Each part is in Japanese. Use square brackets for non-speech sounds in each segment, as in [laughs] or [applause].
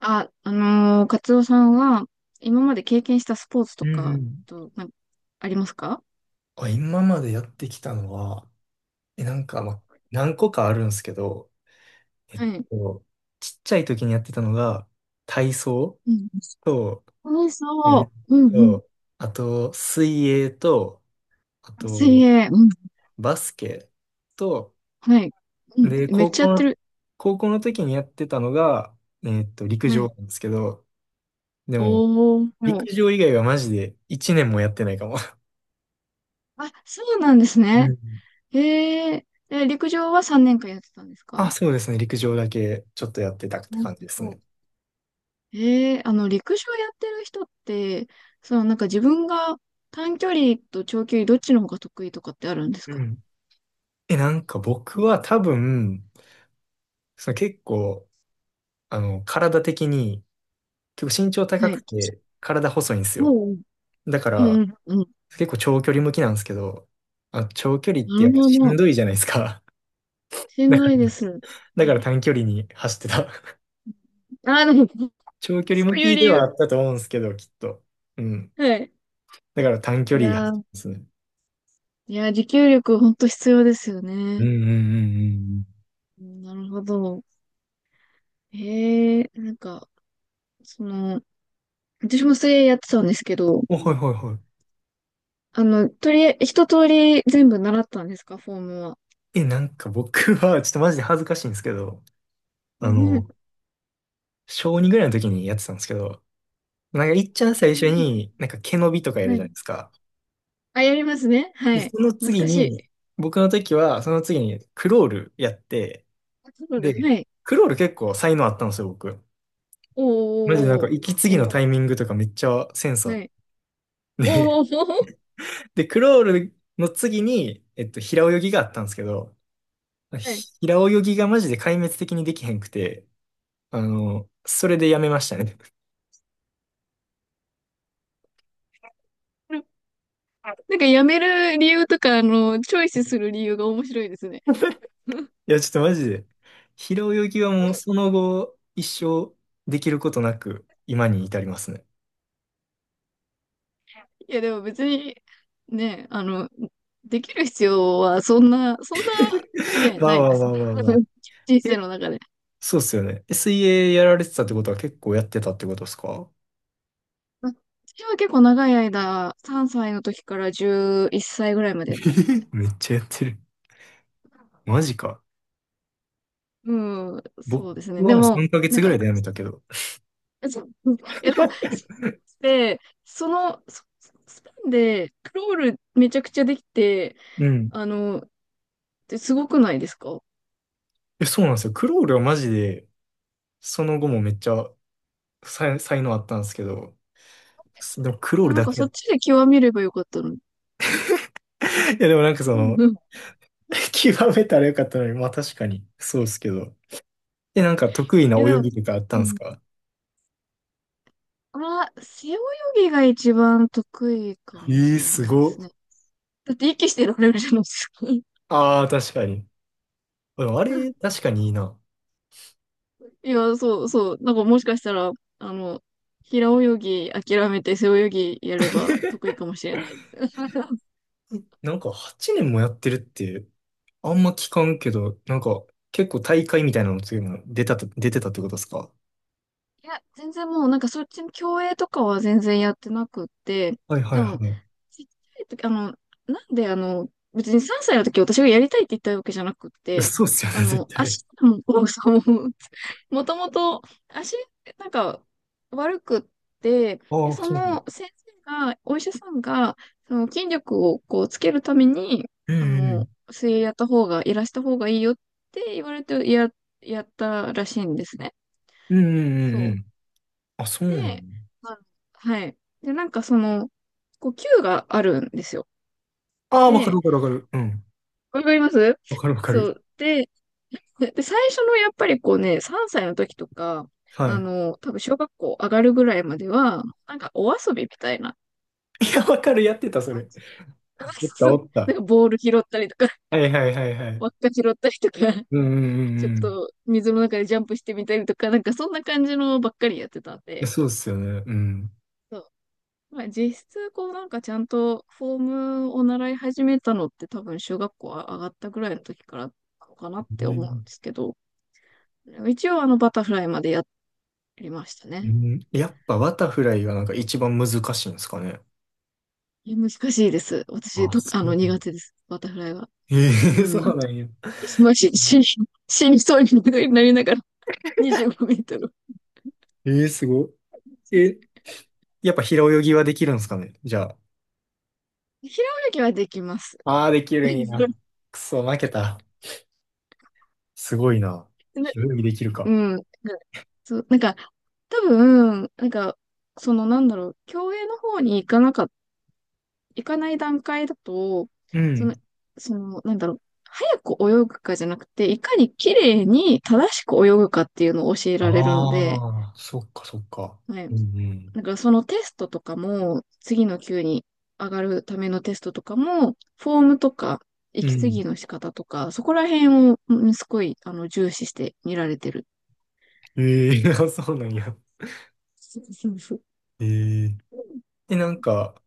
カツオさんは、今まで経験したスポーツうとんうか、ん。と、な、ありますか？あ、今までやってきたのは、なんか、まあ、何個かあるんですけど、えっはい。と、ちっちゃい時にやってたのが、体操うん。と、そうえっそう。うんうん。と、あと、水泳と、あ水と、泳。うん。バスケと、はい。うん。で、めっちゃやってる。高校の時にやってたのが、陸は上い。なんですけど、でも、おー。陸上以外はマジで1年もやってないかも。あ、そうなんですうね。ん。 へえ。で、陸上は3年間やってたんです [laughs] あ、か？そうですね、陸上だけちょっとやってたってうん。感じですね。へえ、あの、陸上やってる人って、そのなんか自分が短距離と長距離どっちの方が得意とかってあるんですうか？ん。なんか僕は多分、その結構、体的に、結構身長は高くい。て、体細いんですよ。おう。だかうら、ん、うん。結構長距離向きなんですけど、あ、長距離っなてやっるぱほしんど。どいじゃないですか。し [laughs] んだかどら、いです。え、短距離に走ってた。[laughs] あー、でも、長距離そ向ういうき理では由。あったと思うんですけど、きっと。うん。はい。だから短距い離走やってー、ますね。いやー、持久力ほんと必要ですようんね。うんうんうん、なるほど。へえ、その、私も水泳やってたんですけど、うん。お、はいはいはい。とりあえず、一通り全部習ったんですか、フォームは。なんか僕は、ちょっとマジで恥ずかしいんですけど、うあん。の、小2ぐらいの時にやってたんですけど、なんか、いっちゃん最初に、なんか毛伸びとかやはるじゃない。いですか。あ、やりますね。はで、い。その難次しに、い。僕の時は、その次にクロールやって、あ、そうだ。はで、い。クロール結構才能あったんですよ、僕。おマジでなんーおか、ー息継ぎおのーおタイミングとかめっちゃセンスー。あっはい。て。おーおーおー。で、クロールの次に、平泳ぎがあったんですけど、はい。平泳ぎがマジで壊滅的にできへんくて、それでやめましたね。なんかやめる理由とか、チョイスする理由が面白いですね。[laughs] [laughs] いや、ちょっとマジで、平泳ぎはもうその後、一生できることなく、今に至りますね。いや、でも別に、ね、できる必要はそんな、そんな、ね、[laughs] わなあわいであす。わあわあわあ。[laughs] 人生え、の中で。そうっすよね。水泳やられてたってことは結構やってたってことですか？私は結構長い間、3歳の時から11歳ぐらいまえでやってましたね。ー、 [laughs] めっちゃやってる。マジか。うん、僕そうですね。はでもうも、3ヶな月んぐらか、いでやめたけど。[laughs] そう、え、でも、で、その、そスパンで、クロールめちゃくちゃできて、うん。あの、ですごくないですか？そうなんですよ。クロールはマジで、その後もめっちゃ才能あったんですけど、でもクローそルう、なんだかけそやっっちで極めればよかったのに。た。[laughs] いや、でもなんかうんうん。[laughs] 極めたらよかったのに、まあ確かに、そうっすけど。なんか得意ないや、で泳も、ぎとかあったんうですん。か？ああ、背泳ぎが一番得意かえもえーしれすないでごすね。っ。だって息してられるじゃないですか。ああ、確かに。でもあれ、[laughs] 確かにいいな。いや、そうそう。なんかもしかしたら、あの、平泳ぎ諦めて背泳ぎやれば得意かもしれないです。えなんか8年もやってるって、あんま聞かんけど、なんか結構大会みたいなのつも出てたってことですか？いや、全然もうなんかそっちの競泳とかは全然やってなくって、はいはでいも、はちっちゃい時、あの、なんであの、別に3歳の時私がやりたいって言ったわけじゃなくっい。て、そうっすよね、絶対。足も、もうそう、[laughs] もともと足、なんか悪くって、で、ああ、そそうね。の先生が、お医者さんが、その筋力をこうつけるために、うんうん。水泳やった方が、いらした方がいいよって言われてやったらしいんですね。うんうんうそんうう。ん。あ、そうなの？で、あ、はい。で、なんかその、こう、球があるんですよ。ああ、わかるで、わかるわかる。うん。わかります？わかるわかそる。う。で、[laughs] で、最初のやっぱりこうね、3歳の時とか、は多分小学校上がるぐらいまでは、なんかお遊びみたいな。い。いや、わかる、やってた、それ。おったお [laughs] っなんた。かボール拾ったりとか、はいはいはい [laughs] はい。輪っか拾ったりとか、うんうんうちょんっうん。と水の中でジャンプしてみたりとか、なんかそんな感じのばっかりやってたんやで、そうですよね。うん。まあ、実質、こうなんかちゃんとフォームを習い始めたのって多分小学校上がったぐらいの時からかなっうて思うんんですけど、一応あのバタフライまでやりましたうね。ん。やっぱバタフライがなんか一番難しいんですかね？いや難しいです。あ、そあのう。苦手です。バタフライは。えー、 [laughs] そうん。うなんや。もし、死に、死にそうになりながら25メートル。えーすごい。やっぱ平泳ぎはできるんですかね。じゃあ。平泳ぎはできます。ああ、できるんや。[laughs] くそ、負けた。すごいな。な、平泳ぎできるうか。ん。な、そう、なんか、多分、なんか、そのなんだろう、競泳の方に行かない段階だと、うそん。の、その、なんだろう、早く泳ぐかじゃなくて、いかに綺麗に正しく泳ぐかっていうのを教えられるので、ああ、そっかそっか。はい。うんうん。だからそのテストとかも、次の級に上がるためのテストとかも、フォームとか、う息継ぎん。の仕方とか、そこら辺を、うん、すごい、重視して見られてる。ええ、 [laughs] そうなんや。[laughs] そうそうそう。ええで、うなんん、か、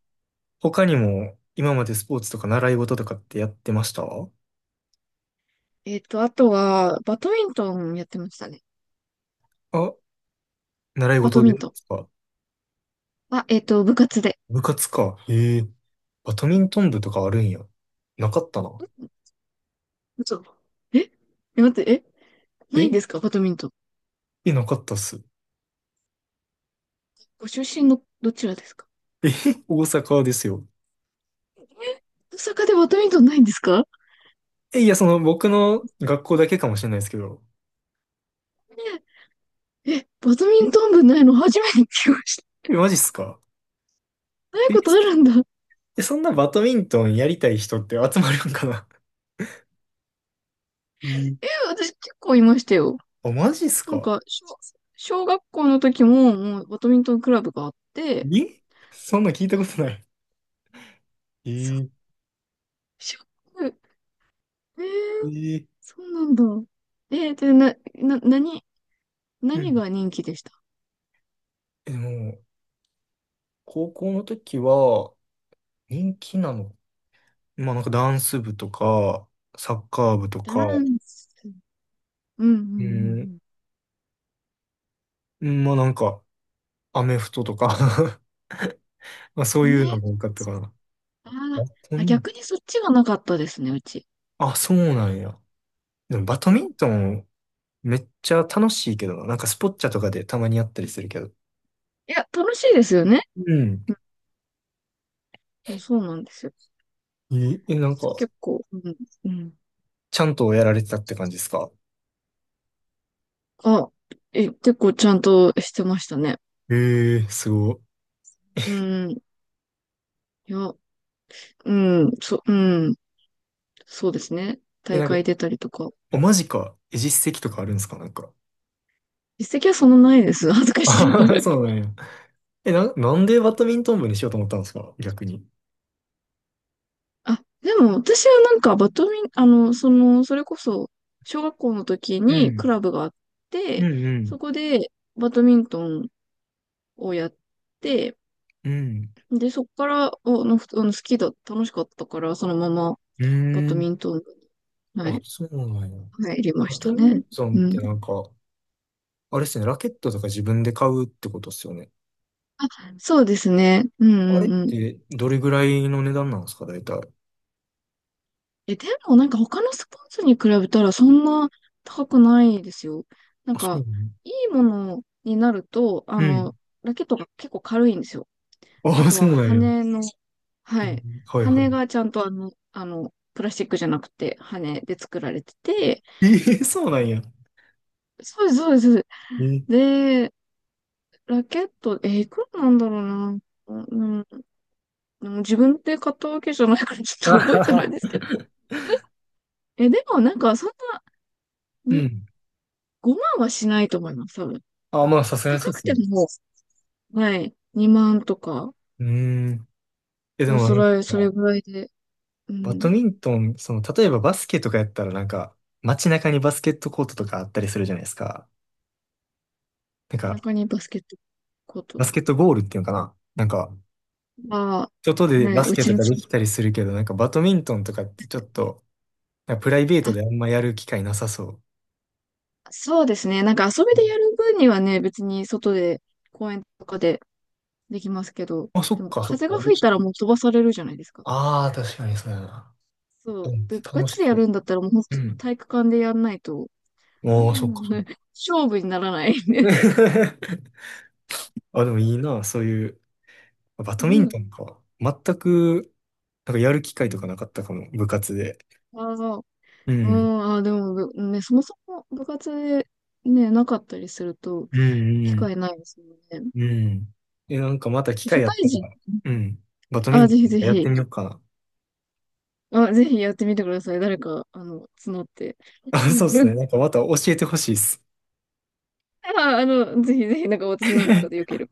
他にも今までスポーツとか習い事とかってやってました？えっと、あとは、バドミントンやってましたね。あ、習いバド事でミンでトン。すか？あ、えっと、部活で。部活か。ええ。バドミントン部とかあるんや。なかったな。嘘。ええ、待って、え、ないんえですかバドミントン。え、なかったっす。ご出身のどちらですか？え、[laughs] 大阪ですよ。え、大阪でバドミントンないんですか？いや、僕の学校だけかもしれないですけど。ええ、バドミえ、ントン部ないの初めて聞きました。マジっすか？ないえ、ことあるんだ。そんなバドミントンやりたい人って集まるんかな？えーえ、私結構いましたよ。あ、マジっすなんか？か、小、小学校の時も、もうバドミントンクラブがあって、えそんな聞いたことない。えそう、ーショック。えー、えーそうなんだ。えー、で、な、な、何、う何ん。が人気でした？でも、高校の時は人気なの、まあなんかダンス部とか、サッカー部とダか、ンス。うんうんううん、んまあなんか、アメフトとか [laughs] まあそううん。アいうのメ、が多かったかな。あー、バドあ、ミン逆にそっちがなかったですね、うち。あ、そうなんや。でもバドうミん。いントンめっちゃ楽しいけどな。なんかスポッチャとかでたまにやったりするけど。や、楽しいですよね。うん。いやそうなんですよ。なんか、結構、うん、うん。ちゃんとやられてたって感じですか？あ、え、結構ちゃんとしてましたね。ええーすごい。うん。いや、うん、そ、うん。そうですね。大なんか、会出たりとか。お、マジか。実績とかあるんですかなんか。実績はそんなないです。恥ずかあしいけはど。はそうなんや。なんでバドミントン部にしようと思ったんですか逆に？あ、でも私はなんかバドミン、それこそ、小学校の時うにん。クラブがあっうて、んうん。そこでバドミントンをやって、うん。で、そっから、お、の、ふあの、好きだ、楽しかったから、そのままうバードミん。ントン部に、はあ、い、そうなんや。入りまバしドたミンね。トンうっん。てなんか、あれっすね、ラケットとか自分で買うってことっすよね。あ、そうですね。うんあれうっんうん。てどれぐらいの値段なんですか、大体？え、でもなんか他のスポーツに比べたらそんな高くないですよ。なんあ、そうなか、の？いいものになると、うん。ラケットが結構軽いんですよ。ああ、とそはうなんや。羽の、うはんい。はいは羽い。がちゃんとプラスチックじゃなくて羽で作られてて、ええそうなんや。そうです、そうです。えーでラケット、えー、いくらなんだろうな。うん、でも自分で買ったわけじゃないからちあょっと覚えはてないは、 ですけど。え、でもなんかそんな [laughs] うにん。5万はしないと思います、多分。あ、まあ、さすがにそ高うっくすてね。も、はい、2万とか、うーん。でそう、もそなんか、れ、それぐらいで、うバドん。ミントン、例えばバスケとかやったらなんか、街中にバスケットコートとかあったりするじゃないですか。なん背か、中にバスケットコーバトスケットゴールっていうのかななんか、は、外はい、でバね、スうケちとのかで近きく。たりするけど、なんかバドミントンとかってちょっと、なんかプライベートあ、であんまやる機会なさそう。そうですね。なんか遊うびでん。やる分にはね、別に外で、公園とかでできますけど、あ、そでっもか、そっ風か。が吹い別たらに。もう飛ばされるじゃないですか。ああ、確かにそうやな。そうう。ん、で、ガ楽チしでやそう。るんだったらもうほんとうん。体育館でやんないと、うああ、そっか、ん、 そっか。[laughs] 勝負にならない。[laughs] あ、でもいいな、そういう、バうドミンん。トンか。全く、なんかやる機会うとかん、なかったかも、部活で。ああー、ううん。ん、あー、でも、ぶね、そもそも部活でね、なかったりすると、うん、う機ん、会ないですもんね。うん。なんかまた機社会や会ったら、人、うん。バドミあー、ントぜひぜンやっひ、てみようかな。あ、ぜひやってみてください。誰か、募って。あ、そうですね。[laughs] なんかまた教えてほしいです。あー、ぜひぜひ、なんか私なんかでよ [laughs] ければ。